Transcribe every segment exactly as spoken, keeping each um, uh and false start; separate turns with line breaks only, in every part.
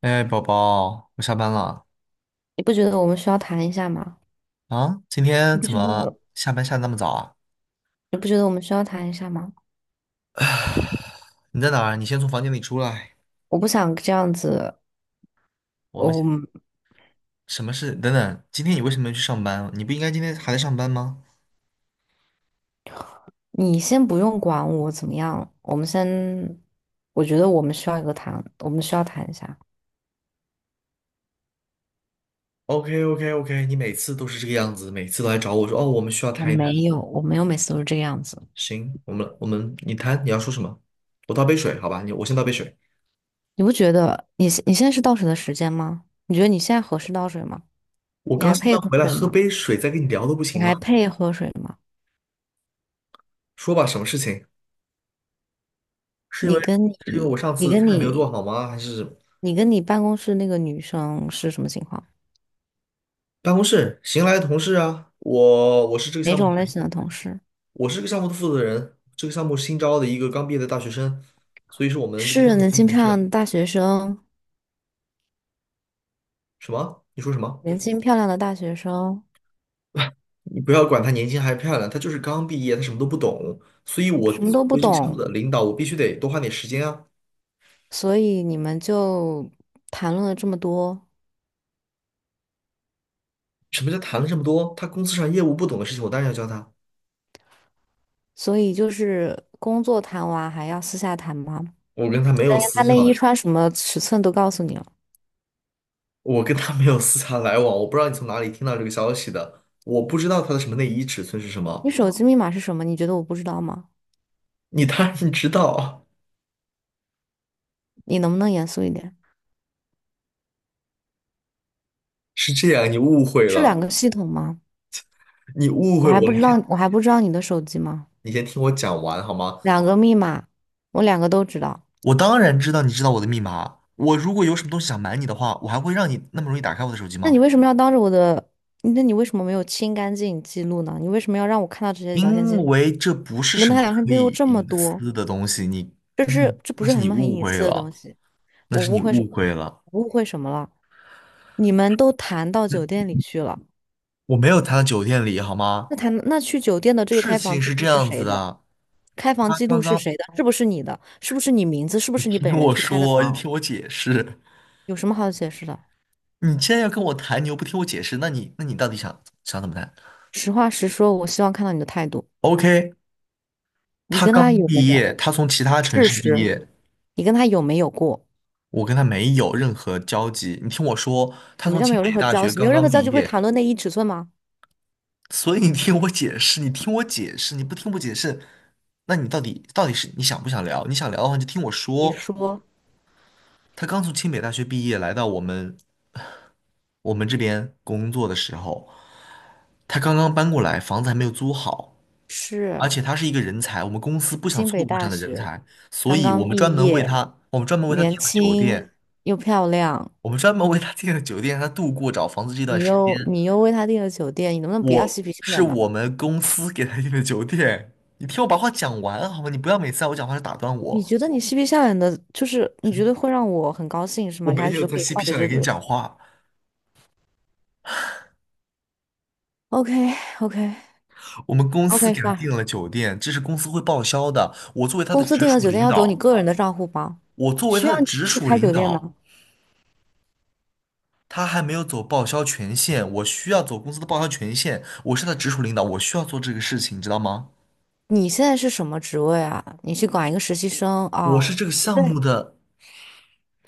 哎，宝宝，我下班了
你不觉得我们需要谈一下吗？
啊！今天
你不
怎
觉
么
得？
下班下得那么早啊？
你不觉得我们需要谈一下吗？
你在哪儿？你先从房间里出来。
我不想这样子，
我们
我，
先什么事？等等，今天你为什么要去上班？你不应该今天还在上班吗
你先不用管我怎么样，我们先，我觉得我们需要一个谈，我们需要谈一下。
？OK OK OK，你每次都是这个样子，每次都来找我说哦，我们需要
我
谈一
没
谈。
有，我没有每次都是这个样子。
行，我们我们你谈，你要说什么？我倒杯水，好吧？你我先倒杯水。
你不觉得你现你现在是倒水的时间吗？你觉得你现在合适倒水吗？
我
你
刚
还
下
配
班
喝
回来，
水
喝
吗？
杯水再跟你聊都不
你
行
还
吗？
配喝水吗？
说吧，什么事情？是因为
你跟
是因为我
你
上
你
次
跟
菜没有做
你
好吗？还是？
你跟你办公室那个女生是什么情况？
办公室新来的同事啊，我我是这个
哪
项目，
种类型的同事？
我是这个项目的负责人，这个项目新招的一个刚毕业的大学生，所以是我们这个项
是
目的
年
新
轻
同
漂
事。
亮的大学生，
什么？你说什么？
年轻漂亮的大学生，
你不要管他年轻还是漂亮，他就是刚毕业，他什么都不懂，所以我
什么
作
都不
为这个项目
懂，
的领导，我必须得多花点时间啊。
所以你们就谈论了这么多，
什么叫谈了这么多？他公司上业务不懂的事情，我当然要教他。
所以就是工作谈完还要私下谈吗？
我跟他没有
连
私
他
下
内衣
来，
穿什么尺寸都告诉你了，
我跟他没有私下来往，我不知道你从哪里听到这个消息的，我不知道他的什么内衣尺寸是什
你
么，
手机密码是什么？你觉得我不知道吗？
你当然知道。
你能不能严肃一点？
是这样，你误会
是两
了，
个系统吗？
你误
我
会我
还不
了你
知
先
道，我还不知道你的手机吗？
你先听我讲完好吗？
两个密码，我两个都知道。
我当然知道你知道我的密码。我如果有什么东西想瞒你的话，我还会让你那么容易打开我的手机
那你
吗？
为什么要当着我的？那你为什么没有清干净记录呢？你为什么要让我看到这些聊天
因
记录？
为这不是
你跟
什么
他聊天
可
记录
以
这么
隐
多，
私的东西，你，
这
你
是这不
那
是
是
很什
你
么很
误
隐
会
私的东
了，
西？
那
我
是
误
你
会什
误
么了？
会了。
我误会什么了？你们都谈到酒店里去了，
我没有谈的酒店里，好吗？
那谈那去酒店的这个
事
开
情
房记
是这
录是
样子
谁的？
的，
开房
他
记录
刚
是
刚
谁的？是不是你的？是不是你名字？是不
你
是你
听
本人
我
去开的
说，你
房？
听我解释，
有什么好解释的？
你既然要跟我谈，你又不听我解释，那你那你到底想想怎么谈
实话实说，我希望看到你的态度。
？OK，
你
他
跟他
刚
有没
毕
有
业，他从其他城
事
市毕
实？
业，
你跟他有没有过？
我跟他没有任何交集。你听我说，他
什么
从
叫没
清
有
北
任何
大
交
学
集？没
刚
有任
刚
何交
毕
集会
业，
谈论内衣尺寸吗？
所以你听我解释，你听我解释，你不听我解释，那你到底到底是你想不想聊？你想聊的话，你就听我
你
说。
说
他刚从清北大学毕业，来到我们我们这边工作的时候，他刚刚搬过来，房子还没有租好，
是
而且他是一个人才，我们公司不想
清
错
北
过这
大
样的人
学，
才，所
刚
以
刚
我们专
毕
门为
业，
他，我们专门为他订
年
了酒
轻
店。
又漂亮，
我们专门为他订了酒店，让他度过找房子这段
你
时间。
又你又为他订了酒店，你能不能不要
我
嬉皮笑
是
脸的？
我们公司给他订的酒店。你听我把话讲完好吗？你不要每次在我讲话时打断
你
我。
觉得你嬉皮笑脸的，就是你觉得会让我很高兴是
我
吗？你
没
还觉
有
得
在
可以
嬉
化
皮
解
笑脸
这
跟你
个
讲话。
？OK， OK，
我们公司
OK
给他
fine。
订了酒店，这是公司会报销的。我作为他
公
的
司
直
订了
属
酒店
领
要走你
导，
个人的账户吗？
我作为
需
他
要
的
你
直
去
属
开
领
酒店
导，
吗？
他还没有走报销权限，我需要走公司的报销权限。我是他的直属领导，我需要做这个事情，你知道吗？
你现在是什么职位啊？你去管一个实习生
我
哦？
是这个项
对，
目的。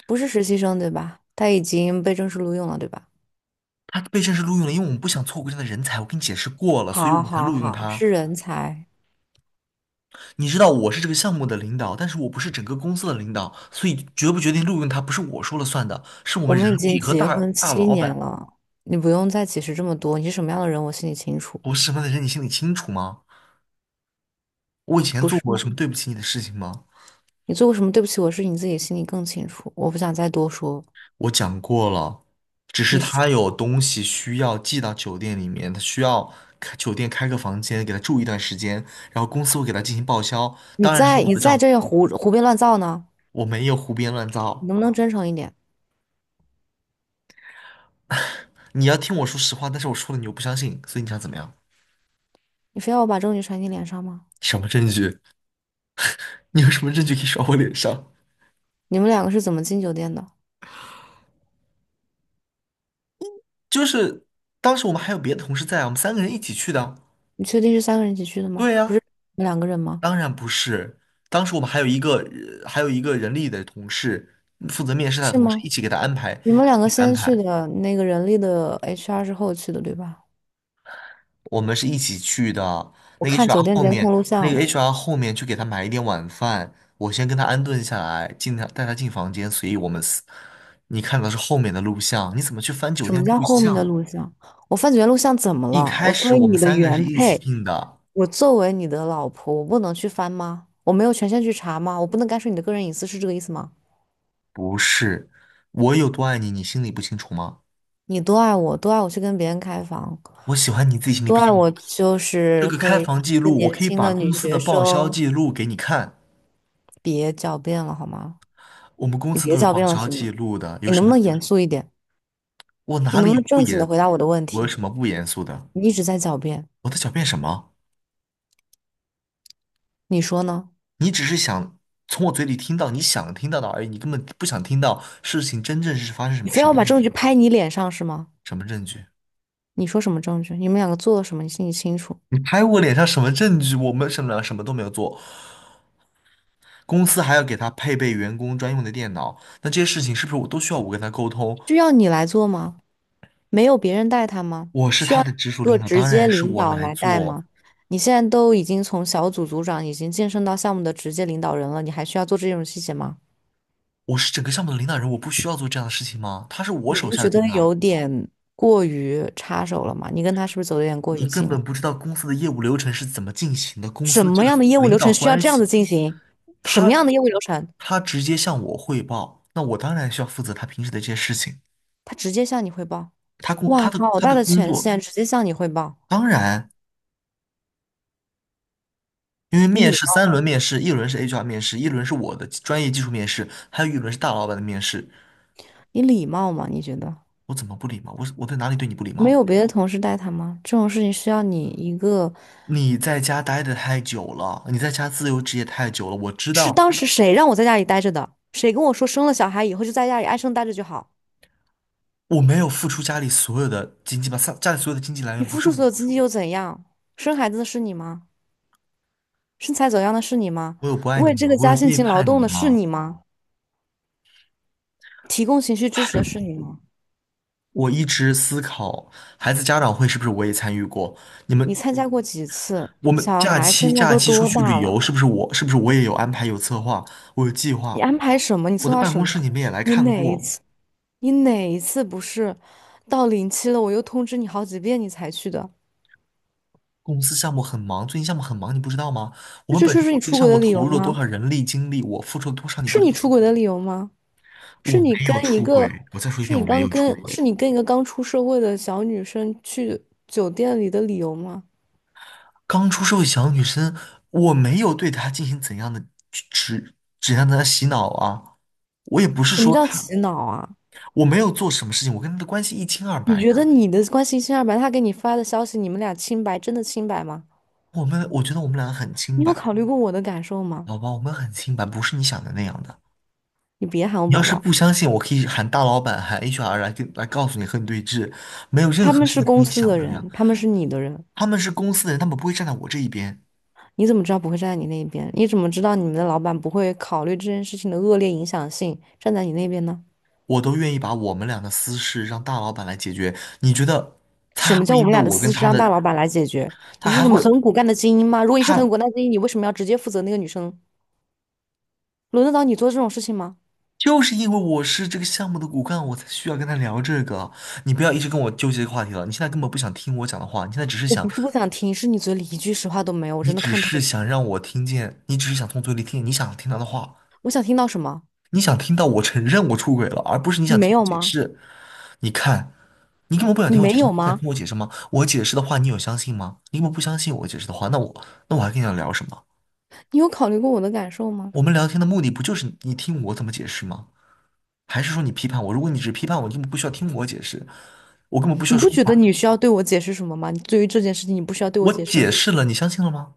不是实习生对吧？他已经被正式录用了对吧？
他被正式录用了，因为我们不想错过这样的人才，我跟你解释过了，所以我
好，
们才
好，
录用
好，
他。
是人才。
你知道我是这个项目的领导，但是我不是整个公司的领导，所以决不决定录用他不是我说了算的，是我
我
们人
们已经
力和
结
大
婚
大
七
老
年
板
了，你不用再解释这么多。你是什么样的人，我心里清楚，
我是什么的人，你心里清楚吗？我以前
不
做
是
过
吗？
什么对不起你的事情吗？
你做过什么对不起我的事，你自己心里更清楚。我不想再多说。
我讲过了，只是
你是
他有东西需要寄到酒店里面，他需要开酒店开个房间给他住一段时间，然后公司会给他进行报销，
你
当然是对
在
我
你
的
在
账户，
这胡胡编乱造呢？
我没有胡编乱
你
造。
能不能真诚一点？
你要听我说实话，但是我说了你又不相信，所以你想怎么样？
你非要我把证据甩你脸上吗？
什么证据？你有什么证据可以甩我脸上？
你们两个是怎么进酒店的？
就是当时我们还有别的同事在啊，我们三个人一起去的啊
你确定是三个人一起去的吗？
对
不是
呀，
你们两个人吗？
当然不是。当时我们还有一个呃还有一个人力的同事负责面试他的
是
同事，
吗？
一起给他安排，
你们两个
一起安
先去
排。
的那个人力的 H R 是后去的，对吧？
我们是一起去的。
我
那个
看
H R
酒店
后
监
面，
控录
那
像
个
了。
H R 后面去给他买一点晚饭，我先跟他安顿下来，进他带他进房间，所以我们四，你看到是后面的录像，你怎么去翻酒
什
店
么叫
录
后面的
像？
录像？我翻酒店录像怎么
一
了？
开
我作
始
为
我们
你的
三个人是
原
一起
配，
进的，
我作为你的老婆，我不能去翻吗？我没有权限去查吗？我不能干涉你的个人隐私，是这个意思吗？
不是。我有多爱你，你心里不清楚吗？
你多爱我，多爱我去跟别人开房，
我喜欢你自己心里
多
不
爱
清楚。
我就
这
是
个
可
开
以让
房记
一个
录，我
年
可以
轻
把
的女
公司的
学
报销
生
记录给你看，
别狡辩了，好吗？
我们公
你
司
别
都有
狡
报
辩了，
销
行
记
吗？
录的，有
你能
什
不
么？
能严肃一点？
我
你
哪
能
里
不
有
能
不
正经的
严？
回答我的问
我有
题？
什么不严肃的？
你一直在狡辩，
我在狡辩什么？
你说呢？
你只是想从我嘴里听到你想听到的而已，你根本不想听到事情真正是发生什
你
么
非
什
要
么
把
样
证
子
据
的。
拍你脸上是吗？
什么证据？
你说什么证据？你们两个做了什么？你心里清楚。
你拍我脸上什么证据？我们什么什么都没有做，公司还要给他配备员工专用的电脑，那这些事情是不是我都需要我跟他沟通？
需要你来做吗？没有别人带他吗？
我是
需
他
要一
的直属
个
领导，
直
当
接
然是
领
我
导
来
来带
做。
吗？你现在都已经从小组组长已经晋升到项目的直接领导人了，你还需要做这种细节吗？
我是整个项目的领导人，我不需要做这样的事情吗？他是我
你
手
不
下的
觉得
兵啊，
有点过于插手了吗？你跟他是不是走的有点过于
你根
近了？
本不知道公司的业务流程是怎么进行的，公司
什
的这
么样的
个
业务
领
流
导
程需要
关
这样
系。
子进行？什么
他
样的业务流程？
他直接向我汇报，那我当然需要负责他平时的这些事情。
他直接向你汇报。
他工
哇，
他的
好
他
大
的
的
工
权
作，
限，直接向你汇报。
当然，因为
你
面
礼
试三
貌，
轮面试，一轮是 H R 面试，一轮是我的专业技术面试，还有一轮是大老板的面试。
你礼貌吗？你觉得
我怎么不礼貌？我我在哪里对你不礼貌
没
了？
有别的同事带他吗？这种事情需要你一个，
你在家待的太久了，你在家自由职业太久了。我知
是
道
当时谁让我在家里待着的？谁跟我说生了小孩以后就在家里安生待着就好？
我没有付出家里所有的经济吧，家家里所有的经济来
你
源不
付
是
出
我，
所有精力又怎样？生孩子的是你吗？身材走样的是你吗？
我有不爱你
为这
吗？
个
我
家
有
辛
背
勤劳
叛
动
你
的是
吗？
你吗？提供情绪支持的是你吗？
我一直思考，孩子家长会是不是我也参与过？你
你
们
参加过几次？
我们
小
假
孩
期
现在
假
都
期出
多
去
大
旅游，
了？
是不是我是不是我也有安排有策划，我有计
你
划。
安排什么？你
我
策
的
划
办
什
公
么？
室你们也来
你
看
哪一
过，
次？你哪一次不是到临期了，我又通知你好几遍你才去的？
公司项目很忙，最近项目很忙，你不知道吗？我
那
们
这
本
就
身
是你
这个
出
项
轨
目
的理由
投入了多
吗？
少人力精力，我付出了多少，你不
是
知
你
道。
出轨的理由吗？是
我
你
没
跟
有
一
出
个，
轨，我再说一
是
遍，
你
我没
刚
有出
跟，
轨。
是你跟一个刚出社会的小女生去酒店里的理由吗？
刚出社会小女生，我没有对她进行怎样的指怎样的洗脑啊，我也不是
什么
说
叫
她，
洗脑啊？
我没有做什么事情，我跟她的关系一清二
你
白
觉得
的。
你的关系清二白，他给你发的消息，你们俩清白，真的清白吗？
我们我觉得我们俩很清
你有
白。
考虑过我的感受吗？
老板，我们很清白，不是你想的那样的。
你别喊我
你要
宝
是
宝，
不相信，我可以喊大老板，喊 H R 来跟来告诉你和你对峙，没有任
他
何
们
事
是
情是
公
你
司
想
的
的那样。
人，他们是你的人。
他们是公司的人，他们不会站在我这一边，
你怎么知道不会站在你那一边？你怎么知道你们的老板不会考虑这件事情的恶劣影响性，站在你那边呢？
我都愿意把我们俩的私事让大老板来解决。你觉得他
什
还
么
会
叫我
因
们
为
俩的
我跟
私事
他
让大
的，
老板来解决？
他
你是
还
什么
会，
很骨干的精英吗？如果你是很
他
骨干的精英，你为什么要直接负责那个女生？轮得到你做这种事情吗？
就是因为我是这个项目的骨干，我才需要跟他聊这个。你不要一直跟我纠结这个话题了，你现在根本不想听我讲的话，你现在只是
我不
想，
是不想听，是你嘴里一句实话都没有，我
你
真的
只
看透
是
你。
想让我听见，你只是想从嘴里听你想听到的话。
我想听到什么？
你想听到我承认我出轨了，而不是你
你
想听
没
我
有
解
吗？
释。你看，你根本不想
你
听我解
没
释，你
有
想
吗？
听我解释吗？我解释的话，你有相信吗？你根本不相信我解释的话，那我那我还跟你聊什么？
你有考虑过我的感受吗？
我们聊天的目的不就是你听我怎么解释吗？还是说你批判我？如果你只批判我，你根本不需要听我解释，我根本不需
你
要
不
说
觉
话。
得你需要对我解释什么吗？你对于这件事情，你不需要对我
我
解释吗？
解释了，你相信了吗？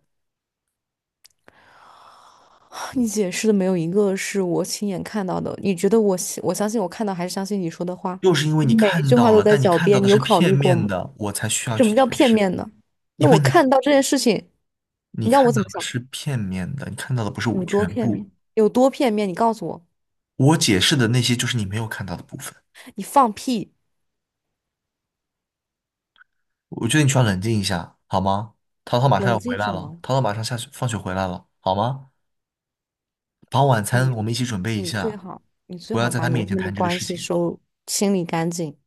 你解释的没有一个是我亲眼看到的。你觉得我信，我相信我看到还是相信你说的话？
又是因为你
你每一
看
句话
到
都
了，
在
但你
狡
看到
辩，
的
你有
是
考
片
虑过
面
吗？
的，我才需要
什
去
么叫
解
片
释，
面呢？那
因为
我
你
看到这件事情，
你
你让
看
我怎
到
么
的
想？
是片面的，你看到的不是我
有多
全
片面？
部。
有多片面？你告诉我，
我解释的那些就是你没有看到的部分。
你放屁，
我觉得你需要冷静一下，好吗？淘淘马上
冷
要回
静
来
什
了，
么？
淘淘马上下学放学回来了，好吗？把晚
你
餐我们一起准备一
你最
下，
好，你最
不要
好
在
把
他
你外
面前
面的
谈这个
关
事
系
情。
收清理干净。